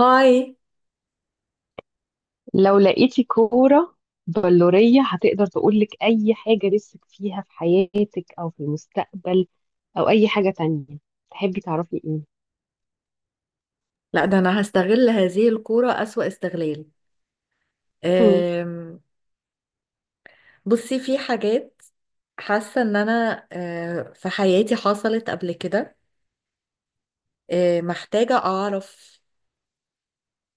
هاي. لو لقيتي كورة بلورية هتقدر تقولك أي حاجة نفسك فيها في حياتك أو في المستقبل أو أي حاجة تانية تحبي تعرفي إيه؟ لا، ده انا هستغل هذه الكورة اسوأ استغلال. مم، أم، بصي، في حاجات حاسة ان انا في حياتي حصلت قبل كده. محتاجة اعرف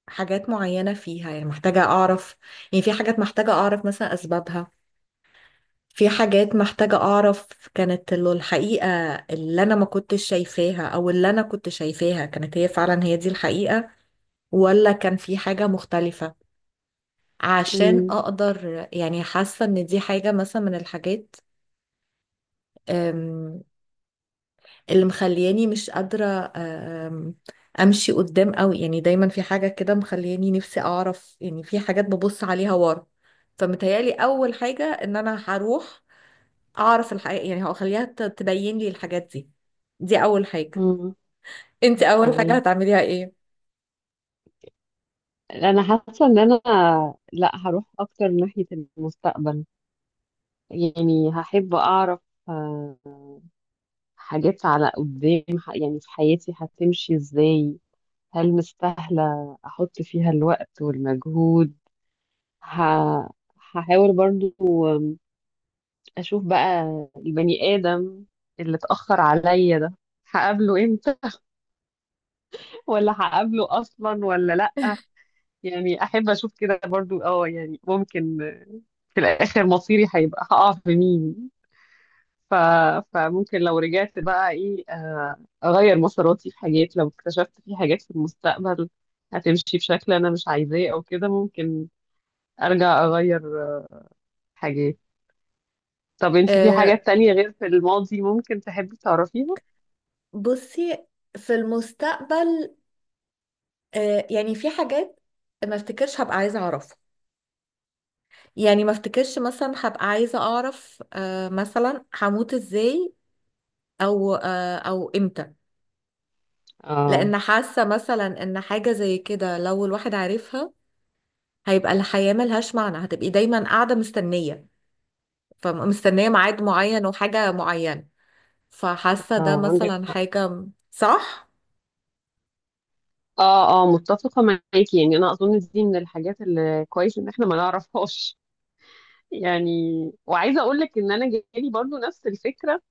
حاجات معينة فيها، يعني محتاجة اعرف، يعني في حاجات محتاجة اعرف مثلا اسبابها. في حاجات محتاجة اعرف كانت الحقيقة، اللي انا ما كنتش شايفاها او اللي انا كنت شايفاها كانت هي فعلا هي دي الحقيقة، ولا كان في حاجة مختلفة، عشان مم، اقدر، يعني حاسه ان دي حاجه مثلا من الحاجات أم، اللي مخلياني مش قادره آه، أم، امشي قدام قوي. يعني دايما في حاجه كده مخلياني نفسي اعرف، يعني في حاجات ببص عليها ورا. فمتهيالي اول حاجه ان انا هروح اعرف الحقيقه، يعني هخليها تبين لي الحاجات دي. دي اول حاجه. مم. انت اول حاجه أوكي، هتعمليها ايه؟ أنا حاسة إن أنا لأ، هروح أكتر ناحية المستقبل. يعني هحب أعرف آه، حاجات على قدام، يعني في حياتي هتمشي إزاي، هل مستاهلة أحط فيها الوقت والمجهود؟ ه... هحاول برضو اشوف بقى البني ادم اللي اتاخر عليا ده هقابله امتى ولا هقابله اصلا ولا لا. يعني احب اشوف كده برضو، اه يعني ممكن في الاخر مصيري هيبقى هقع في مين. ف... فممكن لو رجعت بقى ايه، اغير مساراتي في حاجات. لو اكتشفت في حاجات في المستقبل هتمشي بشكل انا مش عايزاه او كده، ممكن ارجع اغير حاجات. طب انت في حاجات أه، تانية غير في الماضي ممكن تحبي تعرفيها؟ بصي، في المستقبل يعني في حاجات ما افتكرش هبقى عايزه اعرفها. يعني ما افتكرش مثلا هبقى عايزة اعرف مثلا هموت ازاي، او او امتى. اه. لان حاسة مثلا ان حاجة زي كده لو الواحد عارفها، هيبقى الحياة ملهاش معنى، هتبقي دايما قاعدة مستنية، فمستنية ميعاد معين وحاجة معينة. فحاسة ده اه، عندك مثلا حق. حاجة. صح؟ اه اه، متفقة معاكي. يعني انا اظن دي من الحاجات اللي كويس ان احنا ما نعرفهاش يعني وعايزة اقول لك ان انا جالي برضو نفس الفكرة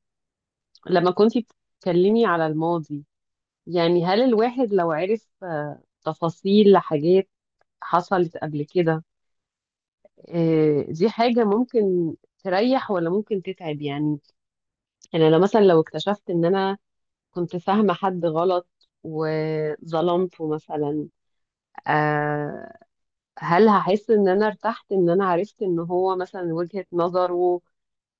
لما كنتي بتتكلمي على الماضي. يعني هل الواحد لو عرف تفاصيل لحاجات حصلت قبل كده، دي حاجة ممكن تريح ولا ممكن تتعب؟ يعني انا لو مثلا، لو اكتشفت ان انا كنت فاهمة حد غلط وظلمته مثلا، آه، هل هحس ان انا ارتحت ان انا عرفت ان هو مثلا وجهة نظره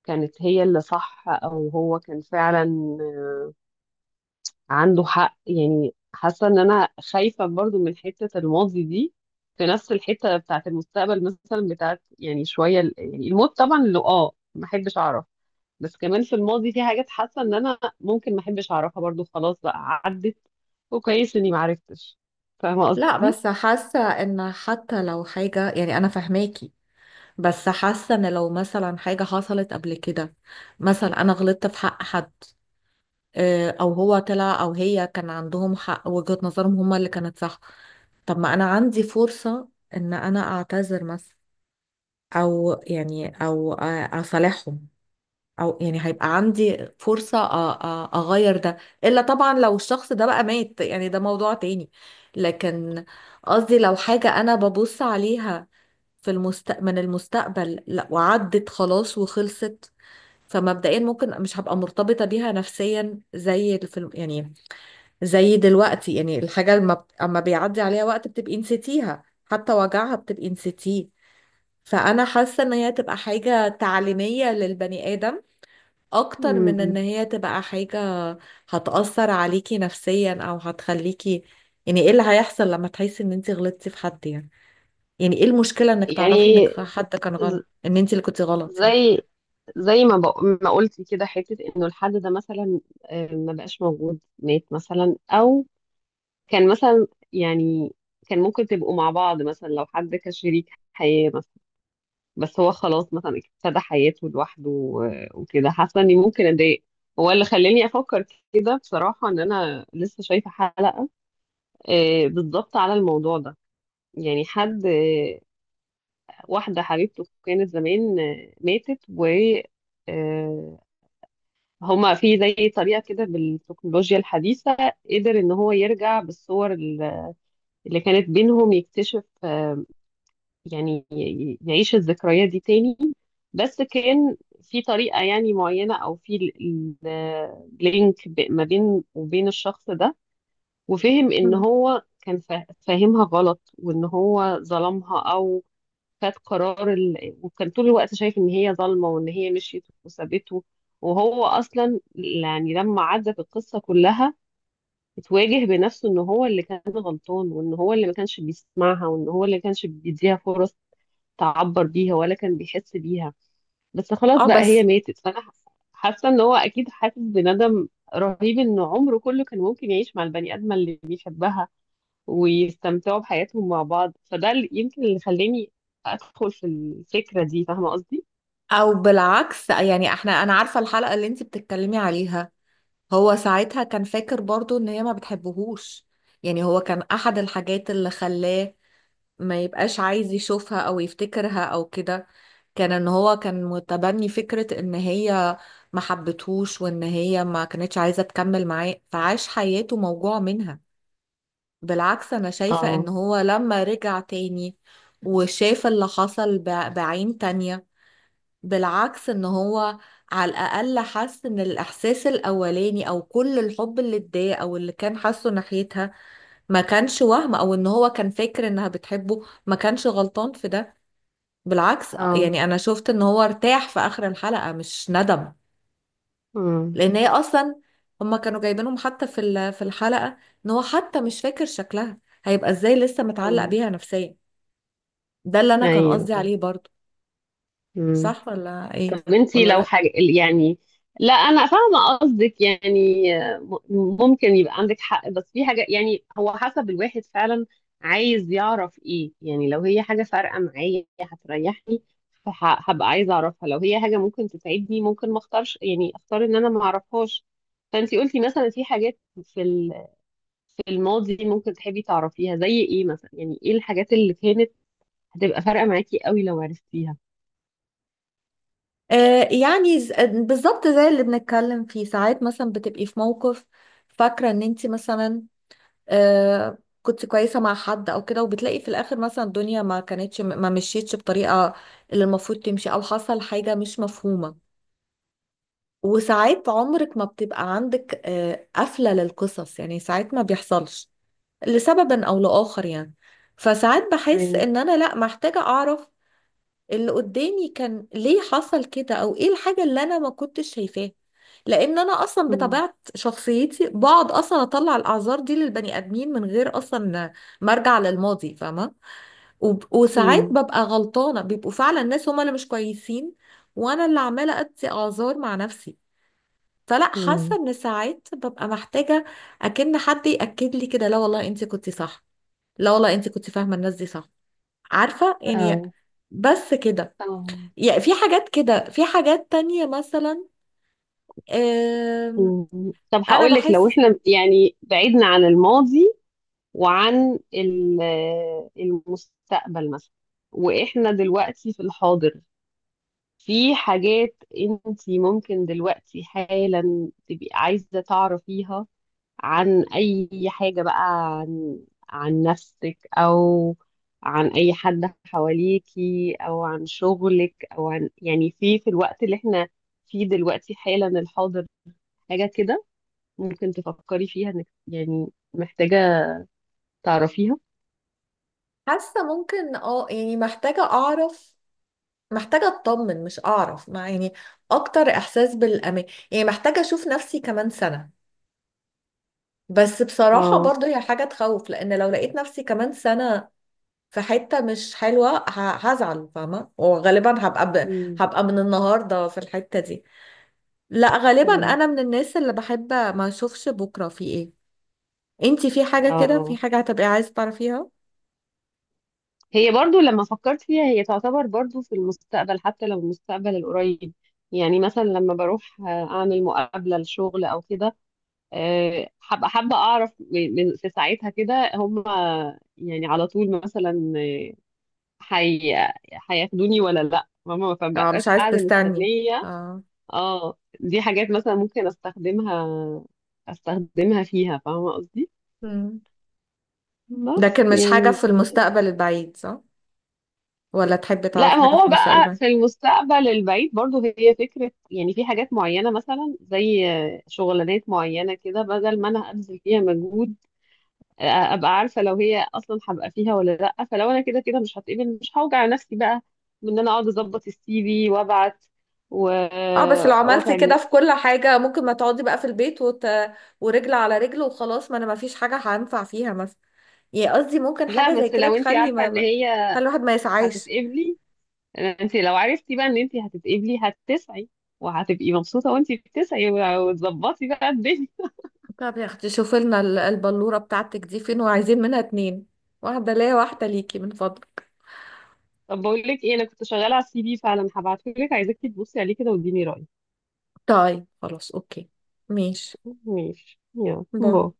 كانت هي اللي صح، او هو كان فعلا آه، عنده حق؟ يعني حاسة ان انا خايفة برضو من حتة الماضي دي في نفس الحتة بتاعت المستقبل، مثلا بتاعت يعني شوية يعني الموت طبعا اللي اه ما احبش اعرف. بس كمان في الماضي في حاجات حاسه ان انا ممكن ما احبش اعرفها برضو، خلاص بقى عدت وكويس اني ما عرفتش. فاهمه لا، قصدي؟ بس حاسة ان حتى لو حاجة، يعني انا فاهماكي، بس حاسة ان لو مثلا حاجة حصلت قبل كده، مثلا انا غلطت في حق حد، او هو طلع او هي كان عندهم حق، وجهة نظرهم هما اللي كانت صح. طب ما انا عندي فرصة ان انا اعتذر مثلا، او يعني او اصالحهم، او يعني هيبقى عندي فرصة اغير ده. الا طبعا لو الشخص ده بقى مات، يعني ده موضوع تاني. لكن قصدي لو حاجة انا ببص عليها في المستقبل، من المستقبل لا وعدت خلاص وخلصت. فمبدئيا ممكن مش هبقى مرتبطة بيها نفسيا، زي الفيلم يعني، زي دلوقتي، يعني الحاجة لما اما بيعدي عليها وقت بتبقي نسيتيها، حتى وجعها بتبقي نسيتيه. فأنا حاسة إن هي تبقى حاجة تعليمية للبني آدم أكتر من إن امم. هي تبقى حاجة هتأثر عليكي نفسيا أو هتخليكي، يعني إيه اللي هيحصل لما تحسي إن أنت غلطتي في حد؟ يعني يعني إيه المشكلة إنك تعرفي يعني إنك حد كان ز- غلط، إن أنت اللي كنتي غلط يعني. زي، ما قلتي كده، حته انه الحد ده مثلا، ما بقاش موجود، مات مثلا، او كان مثلا، يعني كان ممكن تبقوا مع بعض مثلا لو حد كشريك حياه، بس هو خلاص مثلا ابتدى حياته لوحده وكده، حاسه اني ممكن اتضايق. هو اللي خلاني افكر كده بصراحه، ان انا لسه شايفه حلقه بالظبط على الموضوع ده. يعني حد، واحده حبيبته كانت زمان ماتت، و آه، هما في زي طريقه كده بالتكنولوجيا الحديثه قدر ان هو يرجع بالصور اللي كانت بينهم، يكتشف يعني يعيش الذكريات دي تاني. بس كان في طريقة يعني معينة أو في لينك ما بين وبين الشخص ده، وفهم إن مم. هو كان فاهمها غلط وإن هو ظلمها، أو خد قرار وكان طول الوقت شايف إن هي ظالمة وإن هي مشيت وسابته. وهو أصلا يعني لما عدت القصة كلها اتواجه بنفسه إن هو اللي كان غلطان وإن هو اللي ما كانش بيسمعها وإن هو اللي ما كانش بيديها فرص تعبر بيها ولا كان بيحس بيها. بس خلاص اه بقى هي بس. ماتت، فانا حاسة ان هو اكيد حاسس بندم رهيب ان عمره كله كان ممكن يعيش مع البني ادمه اللي بيحبها ويستمتعوا بحياتهم مع بعض. فده اللي يمكن اللي خلاني ادخل في الفكره دي. فاهمه قصدي؟ او بالعكس، يعني احنا، انا عارفه الحلقه اللي انت بتتكلمي عليها. هو ساعتها كان فاكر برضو ان هي ما بتحبهوش، يعني هو كان احد الحاجات اللي خلاه ما يبقاش عايز يشوفها او يفتكرها او كده، كان ان هو كان متبني فكرة ان هي ما حبتهوش وان هي ما كانتش عايزة تكمل معاه، فعاش حياته موجوع منها. بالعكس انا شايفة ان اه. هو لما رجع تاني وشاف اللي حصل بعين تانية، بالعكس ان هو على الاقل حس ان الاحساس الاولاني او كل الحب اللي اتضايق او اللي كان حاسه ناحيتها ما كانش وهم، او ان هو كان فاكر انها بتحبه ما كانش غلطان في ده. بالعكس اه. يعني انا شفت ان هو ارتاح في اخر الحلقة، مش ندم، امم. لان هي اصلا، هما كانوا جايبينهم حتى في في الحلقة ان هو حتى مش فاكر شكلها، هيبقى ازاي لسه متعلق اه. بيها نفسيا؟ ده اللي انا كان قصدي ايوه. عليه برضو. امم. صح ولا ايه؟ طب انتي ولا لو رأيك؟ حاجة يعني، لا انا فاهمة قصدك يعني. ممكن يبقى عندك حق، بس في حاجة، يعني هو حسب الواحد فعلا عايز يعرف ايه. يعني لو هي حاجة فارقة معايا هتريحني، هبقى عايزة اعرفها. لو هي حاجة ممكن تساعدني، ممكن ما اختارش، يعني اختار ان انا ما اعرفهاش. فانتي قلتي مثلا في حاجات في في الماضي ممكن تحبي تعرفيها، زي ايه مثلا؟ يعني ايه الحاجات اللي كانت هتبقى فارقة معاكي قوي لو عرفتيها؟ يعني بالظبط زي اللي بنتكلم فيه. ساعات مثلا بتبقي في موقف فاكرة ان انت مثلا كنت كويسة مع حد او كده، وبتلاقي في الاخر مثلا الدنيا ما كانتش، ما مشيتش بطريقة اللي المفروض تمشي، او حصل حاجة مش مفهومة، وساعات عمرك ما بتبقى عندك قفلة للقصص، يعني ساعات ما بيحصلش لسبب او لاخر يعني. فساعات بحس يعني ان انا لا محتاجة اعرف اللي قدامي كان ليه حصل كده، او ايه الحاجة اللي انا ما كنتش شايفاها. لان انا اصلا مم. بطبيعة شخصيتي بقعد اصلا اطلع الاعذار دي للبني ادمين من غير اصلا ما ارجع للماضي، فاهمة؟ وب- وساعات مم. ببقى غلطانة، بيبقوا فعلا الناس هما اللي مش كويسين، وانا اللي عمالة ادي اعذار مع نفسي. فلا، حاسة مم. ان ساعات ببقى محتاجة اكن حد يأكد لي كده، لا والله انت كنت صح، لا والله انت كنت فاهمة الناس دي صح، عارفة يعني. اه. بس كده. اه. يعني في حاجات كده، في حاجات تانية مثلا آم، مم. طب انا هقول لك، لو بحس، احنا يعني بعدنا عن الماضي وعن المستقبل مثلا، واحنا دلوقتي في الحاضر، في حاجات انت ممكن دلوقتي حالا تبقي عايزة تعرفيها عن اي حاجة بقى؟ عن، عن نفسك، او عن اي حد حواليكي، او عن شغلك، او عن يعني في في الوقت اللي احنا فيه دلوقتي حالا، الحاضر. حاجة كده ممكن تفكري فيها انك يعني محتاجة تعرفيها. حاسة ممكن اه، يعني محتاجة اعرف، محتاجة اطمن، مش اعرف، مع يعني اكتر احساس بالامان. يعني محتاجة اشوف نفسي كمان سنة، بس بصراحة اه. برضو هي حاجة تخوف، لان لو لقيت نفسي كمان سنة في حتة مش حلوة هزعل، فاهمة؟ وغالبا أمم، هبقى من النهاردة في الحتة دي. لا غالبا أمم، انا من الناس اللي بحب ما اشوفش بكرة في ايه. انتي في حاجة كده، في اه، حاجة هتبقي عايزة تعرفيها؟ هي برضو لما فكرت فيها هي تعتبر برضو في المستقبل، حتى لو المستقبل القريب. يعني مثلا لما بروح اعمل مقابلة لشغل او كده، حابة اعرف في ساعتها كده هم يعني على طول مثلا، آه، حي هياخدوني ولا لا؟ ماما ما اه مش بقاش عايزة قاعدة تستني، مستنية. اه. اه دي حاجات مثلا ممكن استخدمها فيها. فاهمة قصدي؟ مم. بس لكن مش حاجة يعني، في المستقبل البعيد، صح؟ ولا تحبي لا تعرفي ما حاجة في هو المستقبل بقى البعيد؟ في المستقبل البعيد برضو هي فكرة يعني، في حاجات معينة مثلا، زي شغلانات معينة كده، بدل ما انا ابذل فيها مجهود ابقى عارفة لو هي اصلا هبقى فيها ولا لا. فلو انا كده كده مش هتقبل، مش هوجع نفسي بقى، بان انا اقعد اظبط الـ CV وابعت، و... اه بس لو عملتي واتعب كده في نفسي. كل حاجة ممكن ما تقعدي بقى في البيت ورجل على رجل وخلاص، ما انا ما فيش حاجة هنفع فيها مثلا. يعني قصدي ممكن حاجة لا زي بس كده لو انت تخلي عارفة ان هي تخلي الواحد ما يسعاش. هتتقبلي، انت لو عرفتي بقى ان انت هتتقبلي هتسعي، وهتبقي مبسوطه وانت بتسعي، وتظبطي بقى الدنيا طب يا اختي شوفي لنا البلورة بتاعتك دي فين، وعايزين منها اتنين، واحدة ليا واحدة ليكي من فضلك. طب بقول لك ايه، انا كنت شغاله على الـ CV فعلا، هبعته لك، عايزاكي تبصي عليه كده واديني رايك. طيب خلاص اوكي، ماشي. ماشي، يلا باي. باي.